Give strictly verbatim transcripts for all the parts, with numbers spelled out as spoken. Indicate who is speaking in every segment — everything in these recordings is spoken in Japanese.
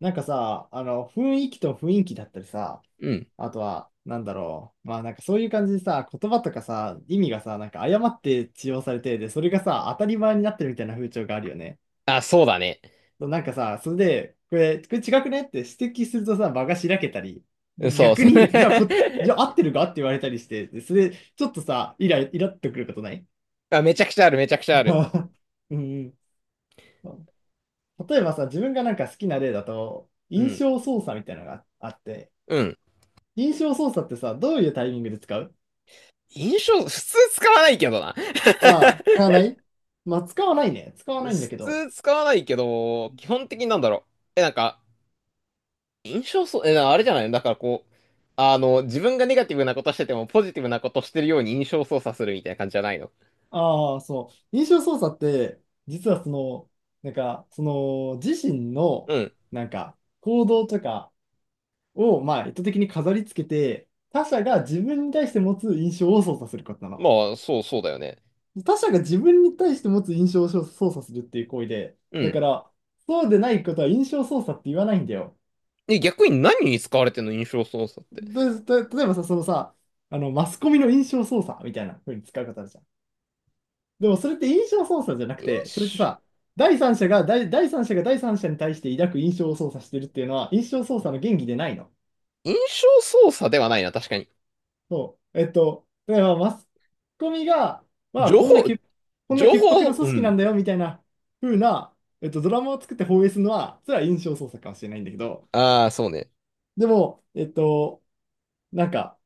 Speaker 1: なんかさ、あの、雰囲気と雰囲気だったりさ、
Speaker 2: うん。
Speaker 1: あとは、なんだろう。まあなんかそういう感じでさ、言葉とかさ、意味がさ、なんか誤って使用されて、で、それがさ、当たり前になってるみたいな風潮があるよね。
Speaker 2: あ、そうだね。
Speaker 1: そうなんかさ、それで、これ、これ違くねって指摘するとさ、場がしらけたり、
Speaker 2: そう
Speaker 1: 逆
Speaker 2: そう。
Speaker 1: に、いや、こ、いや、合ってるかって言われたりして、でそれ、ちょっとさ、イラ、イラっとくることない？
Speaker 2: あ、めちゃくちゃある、めちゃくちゃある。
Speaker 1: うんうん。例えばさ、自分がなんか好きな例だと、
Speaker 2: う
Speaker 1: 印
Speaker 2: ん。
Speaker 1: 象操作みたいなのがあって、
Speaker 2: うん。
Speaker 1: 印象操作ってさ、どういうタイミングで使う？
Speaker 2: 印象、普通使わないけどな。
Speaker 1: ああ、使わない。まあ、使わないね。使わ
Speaker 2: 普
Speaker 1: ないんだけど。
Speaker 2: 通使わないけど、基本的になんだろう。え、なんか、印象そう、え、なあれじゃない。だからこう、あの、自分がネガティブなことしてても、ポジティブなことしてるように印象操作するみたいな感じじゃないの？
Speaker 1: ああ、そう。印象操作って、実はその、なんか、その、自身の、
Speaker 2: うん。
Speaker 1: なんか、行動とかを、まあ、意図的に飾り付けて、他者が自分に対して持つ印象を操作することなの。
Speaker 2: まあ、そう、そうだよね。
Speaker 1: 他者が自分に対して持つ印象を操作するっていう行為で、
Speaker 2: う
Speaker 1: だ
Speaker 2: ん。
Speaker 1: から、そうでないことは印象操作って言わないんだよ。
Speaker 2: え、逆に何に使われてんの、印象操作って。
Speaker 1: で、た例えばさ、そのさ、あの、マスコミの印象操作みたいな風に使う方あるじゃん。でもそれって印象操作じゃなくて、それって
Speaker 2: 印
Speaker 1: さ、第三者が、第、第三者が第三者に対して抱く印象を操作してるっていうのは、印象操作の原理でないの。
Speaker 2: 象、印象操作ではないな、確かに。
Speaker 1: そう。えっと、だからマスコミが、まあ、
Speaker 2: 情
Speaker 1: こんな
Speaker 2: 報、
Speaker 1: け、こん
Speaker 2: 情
Speaker 1: な潔白な
Speaker 2: 報、
Speaker 1: 組
Speaker 2: う
Speaker 1: 織な
Speaker 2: ん。
Speaker 1: んだよみたいな風な、えっと、ドラマを作って放映するのは、それは印象操作かもしれないんだけど、
Speaker 2: ああ、そうね。
Speaker 1: でも、えっと、なんか、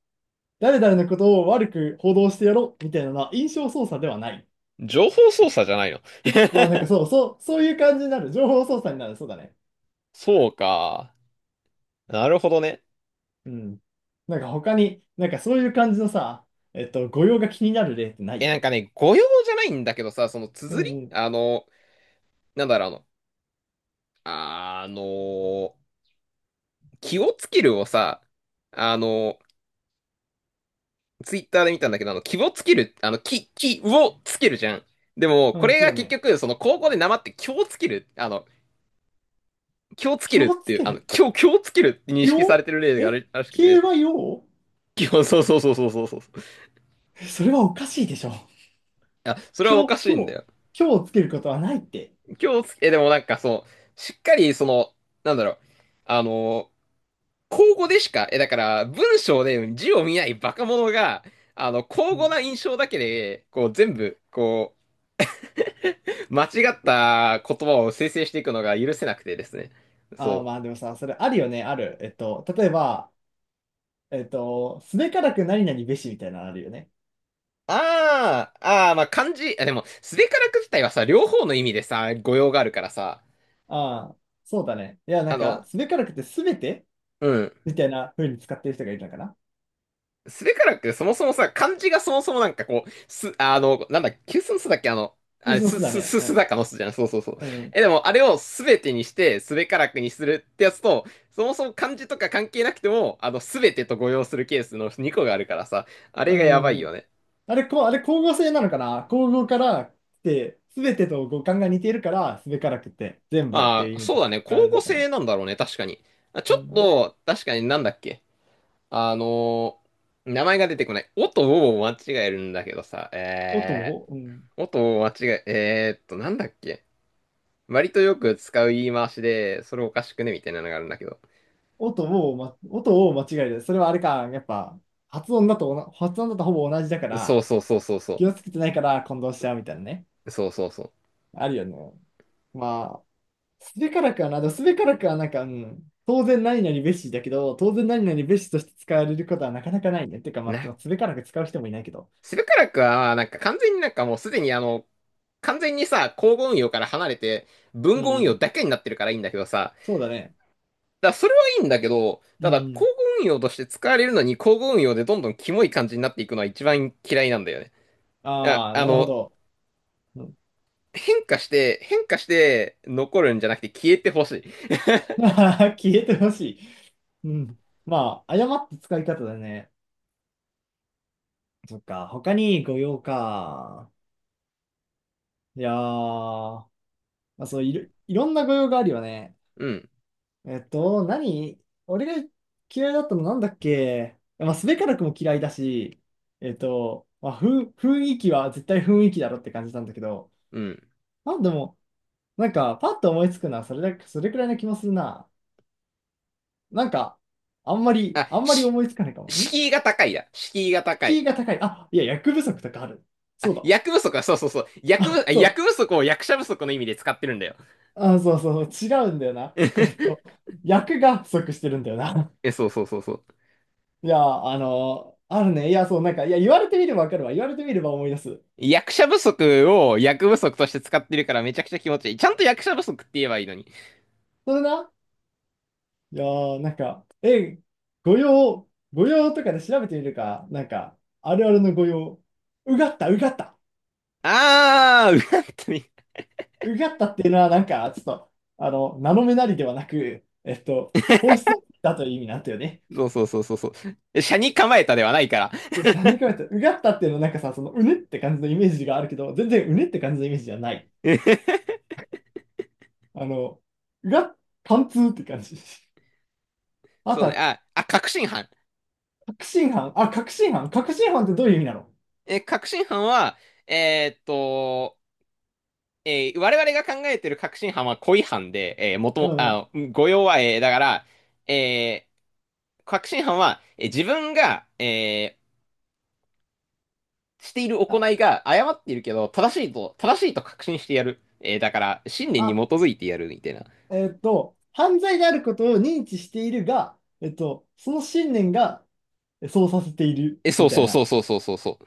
Speaker 1: 誰々のことを悪く報道してやろうみたいなのは印象操作ではない。
Speaker 2: 情報操作じゃないの？
Speaker 1: まあなんかそうそう、そういう感じになる。情報操作になる。そうだね。
Speaker 2: そうか。なるほどね。
Speaker 1: うん。なんか他に、なんかそういう感じのさ、えっと、語用が気になる例ってな
Speaker 2: え、
Speaker 1: い？
Speaker 2: なんかね、誤用じゃないんだけどさ、その
Speaker 1: うん
Speaker 2: 綴り、
Speaker 1: うん。
Speaker 2: あの、なんだろう、あの、あの、気をつけるをさ、あの、ツイッターで見たんだけど、あの、気をつける、あの、気、気をつけるじゃん。でも、こ
Speaker 1: うん、
Speaker 2: れ
Speaker 1: そう
Speaker 2: が
Speaker 1: だ
Speaker 2: 結
Speaker 1: ね。
Speaker 2: 局、その、高校でなまって、気をつける、あの、気をつけ
Speaker 1: 気
Speaker 2: るっ
Speaker 1: を
Speaker 2: て
Speaker 1: つ
Speaker 2: いう、
Speaker 1: け
Speaker 2: あの、
Speaker 1: る。
Speaker 2: 気を、気をつけるって認識され
Speaker 1: よ
Speaker 2: てる例があ
Speaker 1: え
Speaker 2: るらしく
Speaker 1: 気
Speaker 2: て。
Speaker 1: はよ
Speaker 2: 気を、そうそうそうそうそうそう。
Speaker 1: それはおかしいでしょ。
Speaker 2: あ、それはお
Speaker 1: 今
Speaker 2: かし
Speaker 1: 日、
Speaker 2: い
Speaker 1: 今
Speaker 2: んだ
Speaker 1: 日、
Speaker 2: よ。
Speaker 1: 今日をつけることはないって。
Speaker 2: 今日つ、え、でもなんかその、しっかりその、なんだろう、あの、口語でしか、え、だから文章で字を見ないバカ者が、あの、
Speaker 1: う
Speaker 2: 口語
Speaker 1: ん。
Speaker 2: な印象だけで、こう全部、こう、間違った言葉を生成していくのが許せなくてですね。
Speaker 1: ああ、
Speaker 2: そ
Speaker 1: まあ
Speaker 2: う。
Speaker 1: でもさ、それあるよね、ある。えっと、例えば、えっと、すべからく何々べしみたいなのあるよね。
Speaker 2: あー、あー、まあ漢字、あ、でも、すべからく自体はさ、両方の意味でさ、語用があるからさ、
Speaker 1: ああ、そうだね。いや、な
Speaker 2: あ
Speaker 1: んか、
Speaker 2: の、
Speaker 1: すべからくてすべて
Speaker 2: うん。
Speaker 1: みたいな風に使ってる人がいるのかな。
Speaker 2: スべカラクってそもそもさ、漢字がそもそもなんかこう、す、あの、なんだ、急須の須だっけ、あの、
Speaker 1: 急
Speaker 2: あれ、
Speaker 1: 須の
Speaker 2: す、
Speaker 1: 巣だ
Speaker 2: す、
Speaker 1: ね。
Speaker 2: す、すだか
Speaker 1: う
Speaker 2: の須じゃん。そうそうそう。
Speaker 1: ん。う
Speaker 2: え、でも、あれをすべてにして、スべカラクにするってやつと、そもそも漢字とか関係なくても、あの、すべてと誤用するケースのにこがあるからさ、あれがやばい
Speaker 1: ん。う
Speaker 2: よ
Speaker 1: ん。
Speaker 2: ね。
Speaker 1: あれ、こう、あれ、光合成なのかな光合から来て、すべてと五感が似ているから、すべからくて全部って
Speaker 2: ま
Speaker 1: いう
Speaker 2: あ、
Speaker 1: 意味
Speaker 2: そ
Speaker 1: で
Speaker 2: うだ
Speaker 1: 使
Speaker 2: ね。交
Speaker 1: われる
Speaker 2: 互
Speaker 1: のかな。
Speaker 2: 性なんだろうね、確かに。あち
Speaker 1: う
Speaker 2: ょっ
Speaker 1: ん。
Speaker 2: と、確かになんだっけ、あの、名前が出てこない。おとおを間違えるんだけどさ、
Speaker 1: 音
Speaker 2: え
Speaker 1: を、うん。
Speaker 2: ー、おとおを間違え、えーっと、なんだっけ、割とよく使う言い回しで、それおかしくねみたいなのがあるんだけど。
Speaker 1: 音を、ま、音を間違える。それはあれか、やっぱ、発音だとおな、発音だとほぼ同じだか
Speaker 2: そう
Speaker 1: ら、
Speaker 2: そうそうそうそ
Speaker 1: 気をつけてないから混同しちゃうみたいなね。
Speaker 2: う。そうそうそ
Speaker 1: あるよね。まあ、すべからくはな、でもすべからくはなんか、うん、当然何々べしだけど、当然何々べしとして使われることはなかなかないね。てか、
Speaker 2: う。
Speaker 1: ま
Speaker 2: な、
Speaker 1: あ、すべからく使う人もいないけど。
Speaker 2: セブカラクは、なんか完全になんかもうすでにあの、完全にさ、交互運用から離れて、
Speaker 1: う
Speaker 2: 文
Speaker 1: んう
Speaker 2: 語運用
Speaker 1: ん。
Speaker 2: だけになってるからいいんだけどさ。
Speaker 1: そうだね。
Speaker 2: だからそれはいいんだけど、
Speaker 1: う
Speaker 2: ただ、交
Speaker 1: ん。
Speaker 2: 互運用として使われるのに、交互運用でどんどんキモい感じになっていくのは一番嫌いなんだよね。いや、
Speaker 1: ああ、
Speaker 2: あ
Speaker 1: なるほ
Speaker 2: の、
Speaker 1: ど。うん、
Speaker 2: 変化して、変化して残るんじゃなくて消えてほしい。
Speaker 1: 消えてほしい。うん。まあ、誤った使い方だね。そっか。他に御用か。いやー、まあ、そういろ、いろんな御用があるよね。
Speaker 2: うん、
Speaker 1: えっと、何俺が嫌いだったのなんだっけ。まあ、すべからくも嫌いだし、えっと、まあ、ふん、雰囲気は絶対雰囲気だろって感じなんだけど、
Speaker 2: うん。
Speaker 1: まあでも、なんか、パッと思いつくのはそれだけ、それくらいな気もするな。なんか、あんまり、
Speaker 2: あ、
Speaker 1: あんまり
Speaker 2: し、
Speaker 1: 思いつかないかも。ん
Speaker 2: 敷居が高いだ。敷居が高
Speaker 1: 敷
Speaker 2: い。
Speaker 1: 居が高い。あ、いや、役不足とかある。
Speaker 2: あ、
Speaker 1: そうだ。
Speaker 2: 役不足は、そうそうそう。役不、あ、
Speaker 1: そ
Speaker 2: 役不
Speaker 1: う。
Speaker 2: 足を役者不足の意味で使ってるんだよ。
Speaker 1: あ、そうそうそう、違うんだよな。えっと、役が不足してるんだよな。
Speaker 2: え、そうそうそうそう。
Speaker 1: いや、あの、あるね。いや、そう、なんか、いや、言われてみればわかるわ。言われてみれば思い出す。
Speaker 2: 役者不足を役不足として使ってるからめちゃくちゃ気持ちいい。ちゃんと役者不足って言えばいいのに。
Speaker 1: それな。いやー、なんか、え、御用、御用とかで調べてみるか。なんか、あるあるの御用、うがった、うがった、
Speaker 2: あー、うわっとね、
Speaker 1: うがったっていうのは、なんか、ちょっと、あの、名の目なりではなく、えっと、本質だという意味なんだよね。
Speaker 2: そうそうそうそうそう。斜に構えたではないから。
Speaker 1: そうさんじか言と、うがったっていうのは、なんかさ、その、うねって感じのイメージがあるけど、全然うねって感じのイメージじゃない。あの、うがっ、貫通って感じ。あ
Speaker 2: そ
Speaker 1: と
Speaker 2: うね。
Speaker 1: は、
Speaker 2: あ、あ、確信犯。
Speaker 1: 確信犯。あ、確信犯。確信犯ってどういう意味なの？
Speaker 2: え、確信犯は、えーっと、えー我々が考えてる確信犯は故意犯で、えー元
Speaker 1: う
Speaker 2: も、
Speaker 1: んうん。
Speaker 2: あ、誤用は、えーだから、えー確信犯は、えー自分が、えーしている行
Speaker 1: あ、
Speaker 2: いが誤っているけど、正しいと、正しいと確信してやる。えーだから、信念に
Speaker 1: あ
Speaker 2: 基づいてやるみたいな。
Speaker 1: えっと、犯罪であることを認知しているが、えっと、その信念がえそうさせている
Speaker 2: え、そ
Speaker 1: み
Speaker 2: う
Speaker 1: た
Speaker 2: そ
Speaker 1: い
Speaker 2: うそ
Speaker 1: な、
Speaker 2: うそうそうそうそう。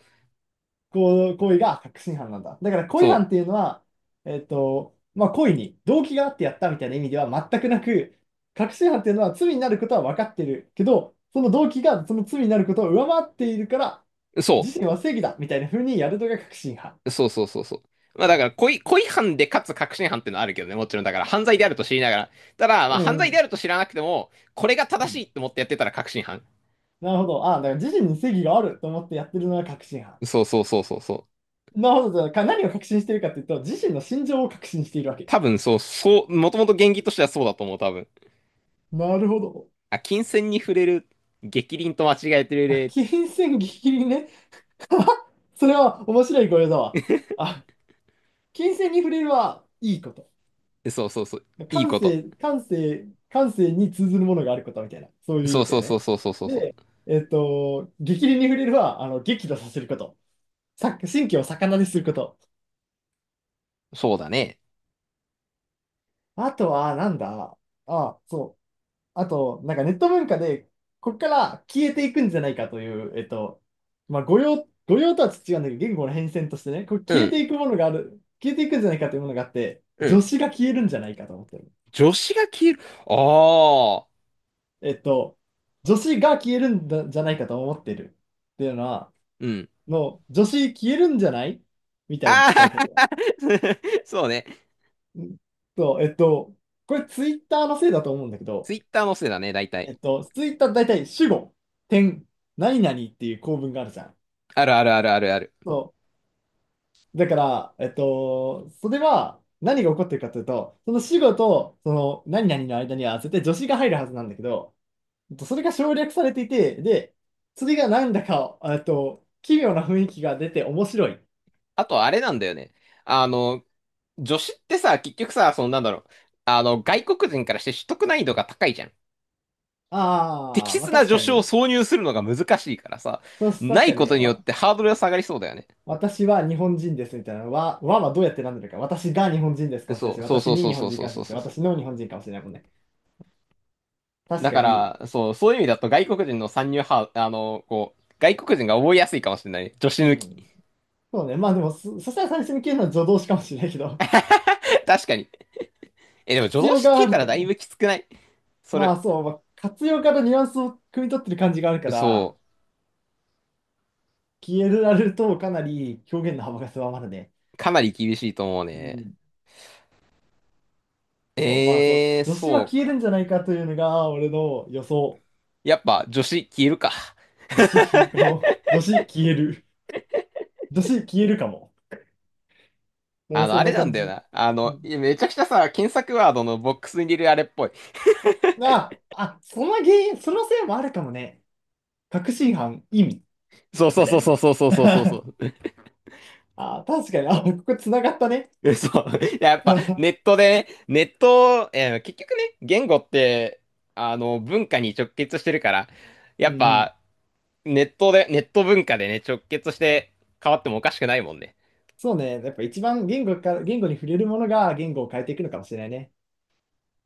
Speaker 1: こう、行為が確信犯なんだ。だから、故意犯
Speaker 2: そ
Speaker 1: っていうのは、えっと、まあ、故意に動機があってやったみたいな意味では全くなく、確信犯っていうのは罪になることは分かってるけど、その動機がその罪になることを上回っているから、
Speaker 2: う、そ
Speaker 1: 自身は正義だみたいな風にやるのが確信犯。
Speaker 2: う、そうそうそうそう。まあ
Speaker 1: あ。
Speaker 2: だから、故意、故意犯でかつ確信犯ってのはあるけどね、もちろん。だから犯罪であると知りながら。ただ、まあ
Speaker 1: う
Speaker 2: 犯
Speaker 1: ん、う
Speaker 2: 罪であ
Speaker 1: ん。
Speaker 2: ると知らなくても、これが
Speaker 1: う
Speaker 2: 正
Speaker 1: ん。
Speaker 2: しいって思ってやってたら確信犯。
Speaker 1: なるほど。あ、だから自身に正義があると思ってやってるのが確信犯。
Speaker 2: そうそうそうそうそう。
Speaker 1: なるほど。か何を確信しているかというと、自身の心情を確信しているわけ。
Speaker 2: 多分そう、そう、もともと原義としてはそうだと思う、多分。
Speaker 1: なるほど。
Speaker 2: あ、金銭に触れる、逆鱗と間違えてる
Speaker 1: あ、
Speaker 2: 例、
Speaker 1: 金銭ギリギリね。それは面白い語彙だわ。あ、金銭に触れるはいいこと。
Speaker 2: そうそうそう、いい
Speaker 1: 感
Speaker 2: こと。
Speaker 1: 性、感性、感性に通ずるものがあることみたいな。そういう意
Speaker 2: そう
Speaker 1: 味だ
Speaker 2: そ
Speaker 1: よ
Speaker 2: うそう
Speaker 1: ね。
Speaker 2: そうそうそうそう。
Speaker 1: で、えっと、激励に触れるは、あの、激怒させること。さ、神経を逆なですること。
Speaker 2: そうだね。
Speaker 1: あとは、なんだ。あ、そう。あと、なんかネット文化で、ここから消えていくんじゃないかという、えっと、まあ、誤用、誤用とは違うんだけど、言語の変遷としてね、これ
Speaker 2: う
Speaker 1: 消えて
Speaker 2: ん、
Speaker 1: いくものがある、消えていくんじゃないかというものがあって、
Speaker 2: う
Speaker 1: 助
Speaker 2: ん。
Speaker 1: 詞が消えるんじゃないかと思ってる。
Speaker 2: 女子が消える。ああ、
Speaker 1: えっと、助詞が消えるんだじゃないかと思ってるっていうのは、
Speaker 2: うん。
Speaker 1: の、助詞消えるんじゃないみたいに使う
Speaker 2: あ
Speaker 1: ことが。
Speaker 2: あ そうね。
Speaker 1: うんと、えっと、これツイッターのせいだと思うんだけ
Speaker 2: ツ
Speaker 1: ど、
Speaker 2: イッターのせいだね、大
Speaker 1: え
Speaker 2: 体。
Speaker 1: っと、ツイッター大体主語、点、何々っていう構文があるじゃん。
Speaker 2: あるあるあるあるある。
Speaker 1: そう。だから、えっと、それは何が起こってるかというと、その死後とその何々の間には絶対助詞が入るはずなんだけど、えっとそれが省略されていて、で、それがなんだか、えっと、奇妙な雰囲気が出て面白い。
Speaker 2: あと、あれなんだよね。あの、女子ってさ、結局さ、そのなんだろう。あの、外国人からして取得難易度が高いじゃん。適
Speaker 1: ああ、まあ
Speaker 2: 切な
Speaker 1: 確
Speaker 2: 助
Speaker 1: か
Speaker 2: 手を
Speaker 1: に。
Speaker 2: 挿入するのが難しいからさ、
Speaker 1: そう
Speaker 2: な
Speaker 1: 確
Speaker 2: い
Speaker 1: か
Speaker 2: こ
Speaker 1: に、
Speaker 2: とによっ
Speaker 1: わ、
Speaker 2: てハードルが下がりそうだよね。
Speaker 1: 私は日本人ですみたいなのは、わはどうやってなんだか。私が日本人ですか
Speaker 2: で
Speaker 1: もしれない
Speaker 2: そ
Speaker 1: し、
Speaker 2: う、そう
Speaker 1: 私
Speaker 2: そう
Speaker 1: に
Speaker 2: そう
Speaker 1: 日
Speaker 2: そ
Speaker 1: 本
Speaker 2: う
Speaker 1: 人
Speaker 2: そ
Speaker 1: か
Speaker 2: う
Speaker 1: もしれ
Speaker 2: そ
Speaker 1: な
Speaker 2: う
Speaker 1: いし、
Speaker 2: そうそ
Speaker 1: 私の日本人かもしれないもんね。
Speaker 2: う。
Speaker 1: 確
Speaker 2: だ
Speaker 1: か
Speaker 2: か
Speaker 1: に。
Speaker 2: ら、そう、そういう意味だと外国人の参入ハ、あの、こう、外国人が覚えやすいかもしれない。助手
Speaker 1: う
Speaker 2: 抜
Speaker 1: ん。
Speaker 2: き。
Speaker 1: そうね。まあでも、そ、そしたら最初に消えるのは助動詞かもしれないけど、
Speaker 2: 確かに。え、でも助
Speaker 1: 活
Speaker 2: 動
Speaker 1: 用
Speaker 2: 詞
Speaker 1: が
Speaker 2: 消
Speaker 1: あ
Speaker 2: えた
Speaker 1: る
Speaker 2: ら
Speaker 1: から
Speaker 2: だい
Speaker 1: ね。
Speaker 2: ぶきつくない？そ
Speaker 1: ま
Speaker 2: れ、
Speaker 1: あそう、まあ、活用からニュアンスを汲み取ってる感じがあるから、
Speaker 2: そ
Speaker 1: 消えられるとかなり表現の幅が狭まるね。
Speaker 2: う、かなり厳しいと思う
Speaker 1: う
Speaker 2: ね。
Speaker 1: ん。そう、まあそう、
Speaker 2: えー、
Speaker 1: 女子は
Speaker 2: そう
Speaker 1: 消える
Speaker 2: か。
Speaker 1: んじゃないかというのが俺の予想。
Speaker 2: やっぱ助詞消えるか。
Speaker 1: 女子消えるかも。女子消える。女子消えるかも。う
Speaker 2: あ
Speaker 1: ん、
Speaker 2: の、
Speaker 1: そ
Speaker 2: あ
Speaker 1: ん
Speaker 2: れ
Speaker 1: な
Speaker 2: なん
Speaker 1: 感
Speaker 2: だよ
Speaker 1: じ。
Speaker 2: な。あ
Speaker 1: う
Speaker 2: の、
Speaker 1: ん。
Speaker 2: いやめちゃくちゃさ、検索ワードのボックスに入れるあれっぽい。
Speaker 1: あ、あ、その原因、そのせいもあるかもね。確信犯、意味、
Speaker 2: そうそ
Speaker 1: み
Speaker 2: う
Speaker 1: た
Speaker 2: そう
Speaker 1: いな
Speaker 2: そう
Speaker 1: ね。
Speaker 2: そうそうそう そう。
Speaker 1: あ、確かに、あ、ここ繋がったね。
Speaker 2: 嘘そう。や、やっ
Speaker 1: う
Speaker 2: ぱ
Speaker 1: ん
Speaker 2: ネットでね、ネット、えー結局ね、言語って、あの、文化に直結してるから、や
Speaker 1: う
Speaker 2: っ
Speaker 1: ん。
Speaker 2: ぱ、ネットで、ネット文化でね、直結して変わってもおかしくないもんね。
Speaker 1: そうね。やっぱ一番言語か、言語に触れるものが言語を変えていくのかもしれないね。